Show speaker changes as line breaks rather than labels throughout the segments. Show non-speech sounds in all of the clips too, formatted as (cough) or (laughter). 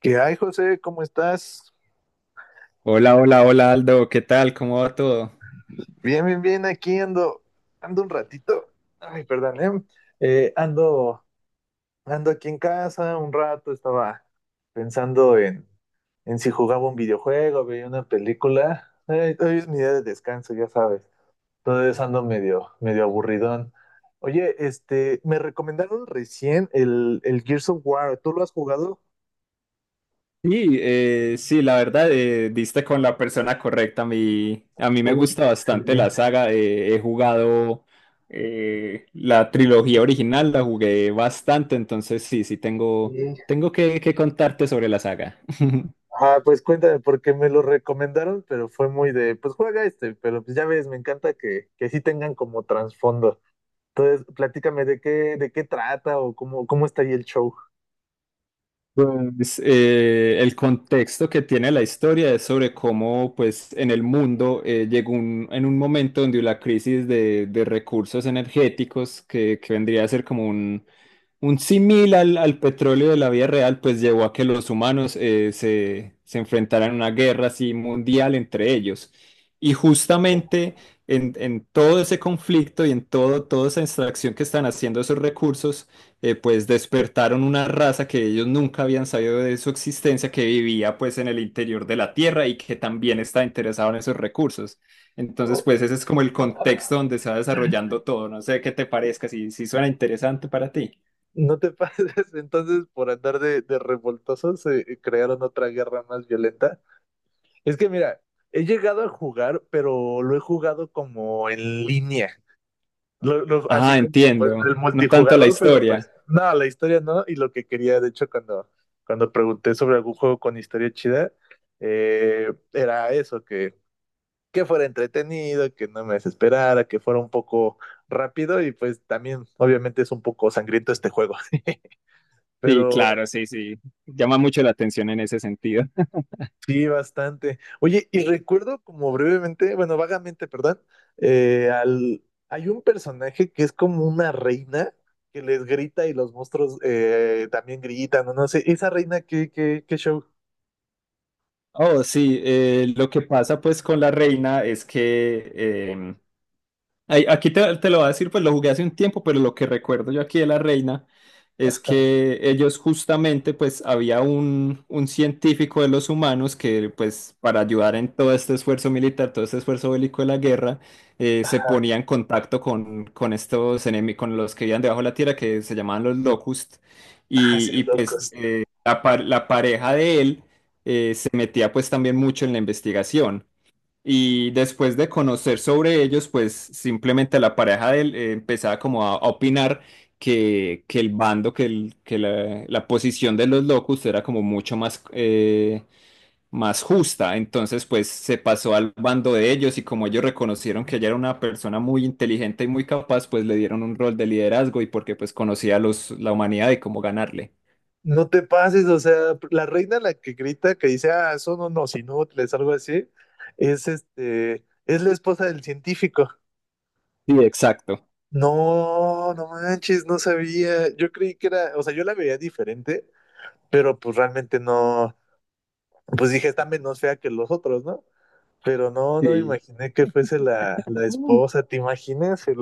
¿Qué hay, José? ¿Cómo estás?
Hola, hola, hola Aldo, ¿qué tal? ¿Cómo va todo?
Bien, bien, bien. Aquí ando, ando un ratito. Ay, perdón, ¿eh? Ando, ando aquí en casa un rato. Estaba pensando en si jugaba un videojuego, veía una película. Ay, hoy es mi día de descanso, ya sabes. Entonces ando medio, medio aburridón. Oye, este, me recomendaron recién el Gears of War. ¿Tú lo has jugado?
Sí, sí, la verdad, diste con la persona correcta. A mí me
Uy, qué
gusta bastante la
excelente.
saga. He jugado la trilogía original, la jugué bastante, entonces sí, sí, tengo que contarte sobre la saga. (laughs)
Ah, pues cuéntame, porque me lo recomendaron, pero fue muy de, pues juega este, pero pues ya ves, me encanta que sí tengan como trasfondo. Entonces, platícame de de qué trata o cómo, cómo está ahí el show.
Pues el contexto que tiene la historia es sobre cómo, pues, en el mundo llegó en un momento donde la crisis de recursos energéticos, que vendría a ser como un símil al petróleo de la vida real, pues llevó a que los humanos se enfrentaran a una guerra así mundial entre ellos. Y
O-
justamente en todo ese conflicto y en todo, toda esa extracción que están haciendo esos recursos, pues despertaron una raza que ellos nunca habían sabido de su existencia, que vivía pues en el interior de la Tierra y que también está interesado en esos recursos. Entonces,
o-
pues ese es como el contexto donde se va desarrollando todo. No sé qué te parezca, si, si suena interesante para ti.
No te pases, (laughs) entonces por andar de revoltosos crearon otra guerra más violenta. Es que mira, he llegado a jugar, pero lo he jugado como en línea. Así
Ah,
como pues,
entiendo.
el
No tanto la
multijugador, pero
historia.
pues no, la historia no. Y lo que quería, de hecho, cuando pregunté sobre algún juego con historia chida, era eso, que fuera entretenido, que no me desesperara, que fuera un poco rápido y pues también obviamente es un poco sangriento este juego, (laughs)
Sí,
pero
claro, sí, sí. Llama mucho la atención en ese sentido.
sí, bastante. Oye, y recuerdo como brevemente, bueno, vagamente, perdón, hay un personaje que es como una reina que les grita y los monstruos también gritan, o no sé, esa reina, ¿qué, qué, qué show?
Oh, sí, lo que pasa pues con la reina es que ay, aquí te, te lo voy a decir, pues lo jugué hace un tiempo, pero lo que recuerdo yo aquí de la reina es que ellos justamente, pues había un científico de los humanos que, pues para ayudar en todo este esfuerzo militar, todo este esfuerzo bélico de la guerra, se
Ajá,
ponía en contacto con estos enemigos, con los que vivían debajo de la tierra, que se llamaban los Locust,
ah, sí,
y, pues
locos.
la, la pareja de él se metía pues también mucho en la investigación. Y después de conocer sobre ellos, pues simplemente la pareja de él empezaba como a opinar que el bando, que, que la posición de los locos era como mucho más, más justa. Entonces, pues se pasó al bando de ellos y como ellos reconocieron que ella era una persona muy inteligente y muy capaz, pues le dieron un rol de liderazgo y porque pues conocía a los, la humanidad y cómo ganarle.
No te pases, o sea, la reina la que grita, que dice, ah, son unos inútiles, algo así, es este, es la esposa del científico.
Sí, exacto.
No, no manches, no sabía. Yo creí que era, o sea, yo la veía diferente, pero pues realmente no, pues dije, está menos fea que los otros, ¿no? Pero no, no me
Sí.
imaginé que fuese la esposa, ¿te imaginas?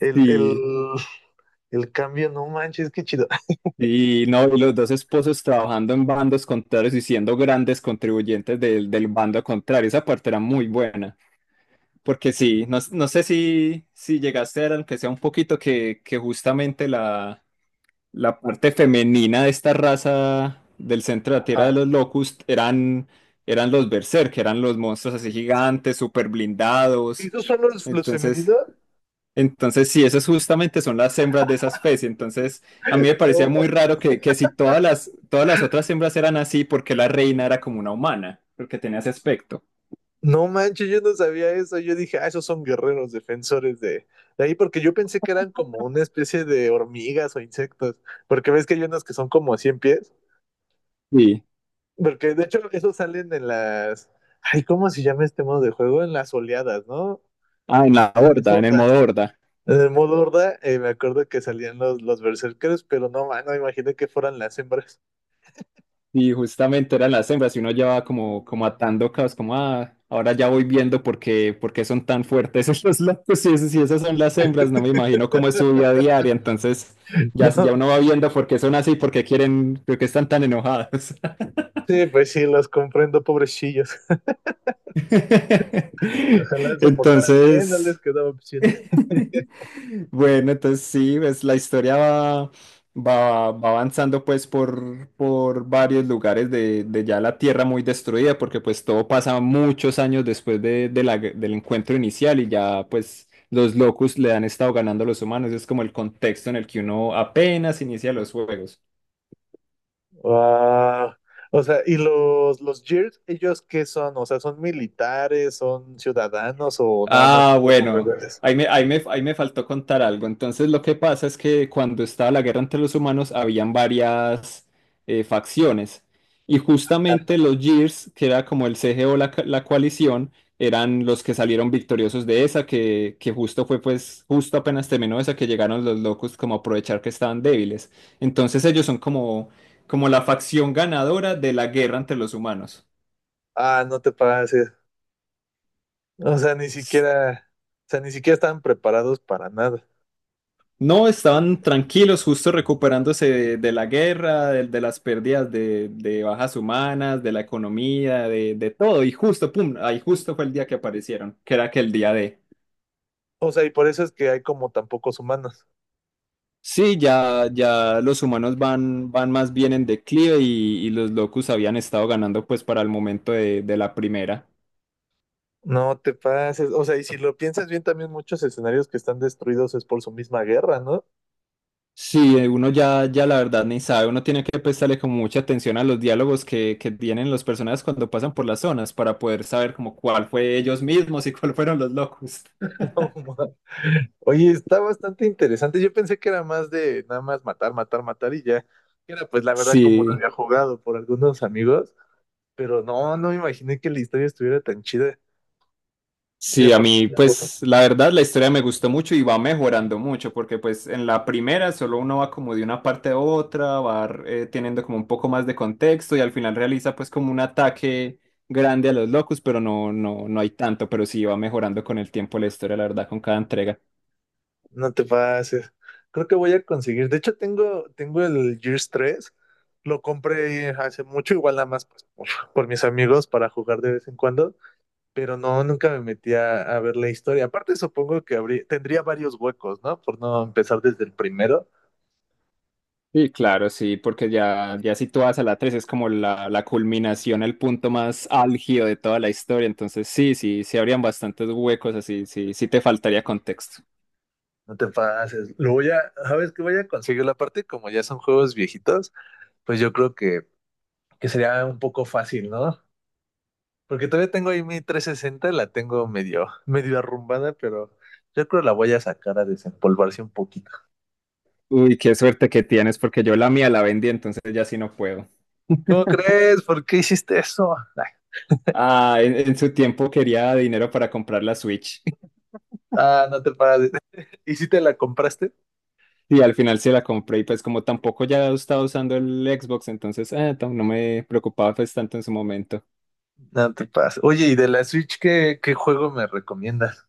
el, el,
Sí.
el cambio, no manches, qué chido.
Y no, y los dos esposos trabajando en bandos contrarios y siendo grandes contribuyentes del, del bando contrario. Esa parte era muy buena. Porque sí, no, no sé si, si llegaste a ver, aunque sea un poquito, que justamente la, la parte femenina de esta raza del centro de la Tierra de los
(laughs)
Locust eran, eran los Berserk, eran los monstruos así gigantes, súper blindados.
¿Esos son los
Entonces.
femeninos?
Entonces, sí, esas justamente son las hembras de esa especie. Entonces, a mí me parecía
No,
muy raro que si todas las, todas las otras hembras eran así, porque la reina era como una humana, porque tenía ese aspecto.
no manches, yo no sabía eso. Yo dije, ah, esos son guerreros defensores de ahí, porque yo pensé que eran como una especie de hormigas o insectos, porque ves que hay unos que son como 100 pies,
Sí.
porque de hecho esos salen en las, ay, ¿cómo se llama este modo de juego? En las oleadas, ¿no?
Ah, en la
En las
horda, en el
hordas.
modo horda.
En el modo horda, me acuerdo que salían los berserkers, pero no, man, no me imaginé que fueran las hembras.
Y justamente eran las hembras y uno ya va como, como atando cabos, como, ah, ahora ya voy viendo por qué son tan fuertes (laughs) esos locos. Si, si esas son las hembras, no me imagino cómo es su vida diaria. Entonces,
(laughs)
ya, ya
No,
uno va viendo por qué son así, por qué quieren, por qué están tan enojadas.
sí, pues sí, los comprendo, pobrecillos. (laughs)
(laughs)
Ojalá se portaran bien, no les
Entonces,
quedaba opción.
(laughs) bueno, entonces sí, pues la historia va, va avanzando pues por varios lugares de ya la tierra muy destruida, porque pues todo pasa muchos años después de la del encuentro inicial y ya pues los locus le han estado ganando a los humanos, es como el contexto en el que uno apenas inicia los juegos.
Wow. O sea, y los Gears, ¿ellos qué son? O sea, ¿son militares, son ciudadanos o nada más
Ah,
como
bueno,
rebeldes?
ahí me faltó contar algo. Entonces, lo que pasa es que cuando estaba la guerra entre los humanos, habían varias facciones. Y justamente los Gears, que era como el CGO, la, la coalición, eran los que salieron victoriosos de esa, que justo fue, pues, justo apenas terminó esa, que llegaron los locos como a aprovechar que estaban débiles. Entonces, ellos son como, como la facción ganadora de la guerra entre los humanos.
Ah, no te pases. O sea, ni siquiera, o sea, ni siquiera están preparados para nada.
No, estaban tranquilos, justo recuperándose de la guerra, de las pérdidas de bajas humanas, de la economía, de todo. Y justo, pum, ahí justo fue el día que aparecieron, que era aquel día de...
O sea, y por eso es que hay como tan pocos humanos.
Sí, ya, ya los humanos van, van más bien en declive y los locus habían estado ganando pues para el momento de la primera.
No te pases. O sea, y si lo piensas bien, también muchos escenarios que están destruidos es por su misma guerra, ¿no?
Sí, uno ya, ya la verdad ni sabe, uno tiene que prestarle como mucha atención a los diálogos que tienen los personajes cuando pasan por las zonas para poder saber como cuál fue ellos mismos y cuál fueron los locos.
(laughs) No,
(laughs)
ma- Oye, está bastante interesante. Yo pensé que era más de nada más matar, matar, matar y ya. Era pues la verdad como lo
Sí,
había jugado por algunos amigos, pero no, no me imaginé que la historia estuviera tan chida. Y
sí, a
aparte,
mí
ujú,
pues la verdad la historia me gustó mucho y va mejorando mucho porque pues en la primera solo uno va como de una parte a otra, va teniendo como un poco más de contexto y al final realiza pues como un ataque grande a los locos, pero no, no, no hay tanto, pero sí va mejorando con el tiempo la historia, la verdad, con cada entrega.
no te pases. Creo que voy a conseguir. De hecho, tengo, tengo el Gears 3. Lo compré hace mucho, igual nada más pues, por mis amigos para jugar de vez en cuando, pero no, nunca me metí a ver la historia. Aparte, supongo que habría, tendría varios huecos, ¿no? Por no empezar desde el primero.
Sí, claro, sí, porque ya, ya si tú vas a la 3 es como la culminación, el punto más álgido de toda la historia. Entonces, sí, sí, sí habrían bastantes huecos así, sí, sí te faltaría contexto.
No te pases. ¿Sabes qué voy a conseguir? La parte, como ya son juegos viejitos, pues yo creo que sería un poco fácil, ¿no? Porque todavía tengo ahí mi 360, la tengo medio, (laughs) medio arrumbada, pero yo creo la voy a sacar a desempolvarse un poquito.
Uy, qué suerte que tienes, porque yo la mía la vendí, entonces ya sí no puedo.
¿Cómo crees? ¿Por qué hiciste eso? Ay,
Ah, en su tiempo quería dinero para comprar la Switch. (laughs)
ah, no te pases. (laughs) ¿Y si te la compraste?
Y al final se la compré, y pues como tampoco ya estaba usando el Xbox, entonces no me preocupaba pues tanto en su momento.
No te pasa. Oye, ¿y de la Switch qué, qué juego me recomiendas?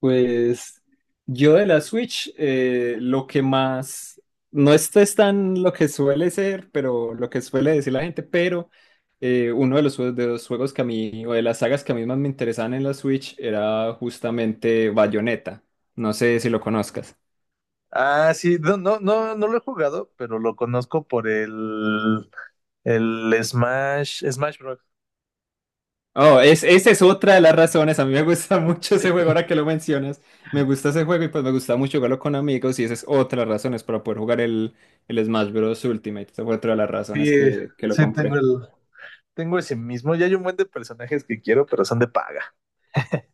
Pues yo de la Switch, lo que más, no esto es tan lo que suele ser, pero lo que suele decir la gente, pero uno de los, de los juegos que a mí, o de las sagas que a mí más me interesaban en la Switch era justamente Bayonetta. No sé si lo conozcas.
Ah, sí, no, no, no, no lo he jugado, pero lo conozco por el Smash, Smash Bros.
Oh, es, esa es otra de las razones. A mí me gusta (laughs) mucho ese juego, ahora que lo mencionas. Me gusta ese juego y pues me gusta mucho jugarlo con amigos y esa es otra de las razones para poder jugar el Smash Bros. Ultimate. Esa fue otra de las razones
Sí,
que lo
sí, tengo
compré.
tengo ese mismo. Ya hay un buen de personajes que quiero, pero son de paga. (laughs)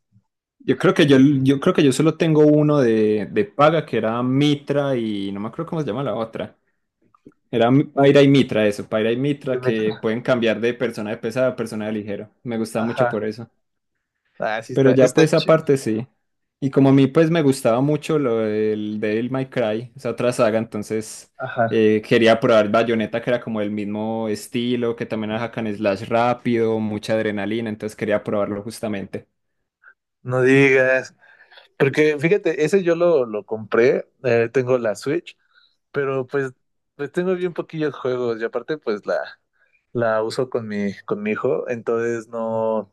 Yo creo que yo, yo creo que yo solo tengo uno de paga que era Mitra y no me acuerdo cómo se llama la otra. Era Paira y Mitra, eso, Paira y
De
Mitra
Metro.
que pueden cambiar de persona de pesada a persona de ligero. Me gustaba mucho
Ajá.
por eso.
Ah, sí
Pero
está,
ya
está
pues
chido.
aparte sí. Y como a mí pues me gustaba mucho lo del Devil May Cry, esa otra saga, entonces
Ajá.
quería probar Bayonetta que era como el mismo estilo, que también era hack and slash rápido, mucha adrenalina, entonces quería probarlo justamente.
No digas. Porque fíjate, ese yo lo compré, tengo la Switch, pero pues, pues tengo bien poquillos juegos y aparte pues la uso con mi hijo, entonces no,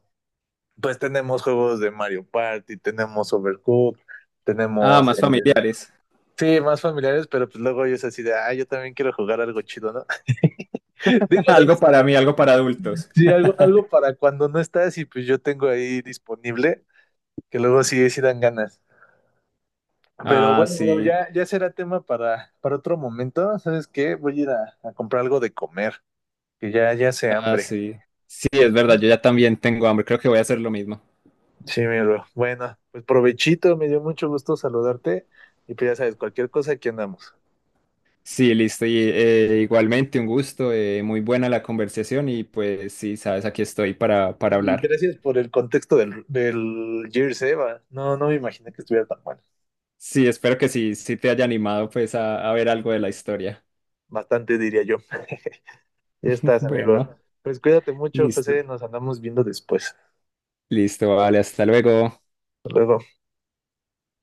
pues tenemos juegos de Mario Party, tenemos Overcooked,
Ah,
tenemos,
más familiares.
sí, más familiares, pero pues luego yo es así de, ah, yo también quiero jugar algo chido, ¿no? (laughs) Digo,
(laughs)
o sea, no
Algo
es,
para mí, algo para adultos.
sí, algo, algo
(laughs)
para cuando no estás y pues yo tengo ahí disponible, que luego sí, sí dan ganas. Pero
Ah,
bueno, bro,
sí,
ya, ya será tema para otro momento. ¿Sabes qué? Voy a ir a comprar algo de comer, que ya, ya se
ah,
hambre.
sí. Sí, es verdad, yo ya también tengo hambre, creo que voy a hacer lo mismo.
Sí, mi bro. Bueno, pues provechito, me dio mucho gusto saludarte. Y pues ya sabes, cualquier cosa aquí andamos.
Sí, listo, y igualmente un gusto, muy buena la conversación y pues sí, sabes, aquí estoy para
Y
hablar.
gracias por el contexto del Gears, va. No, no me imaginé que estuviera tan bueno.
Sí, espero que sí, sí te haya animado pues a ver algo de la historia.
Bastante, diría yo. Ya
(laughs)
estás, amigo.
Bueno,
Pues cuídate mucho,
listo,
José. Nos andamos viendo después.
listo, vale, hasta luego.
Hasta luego.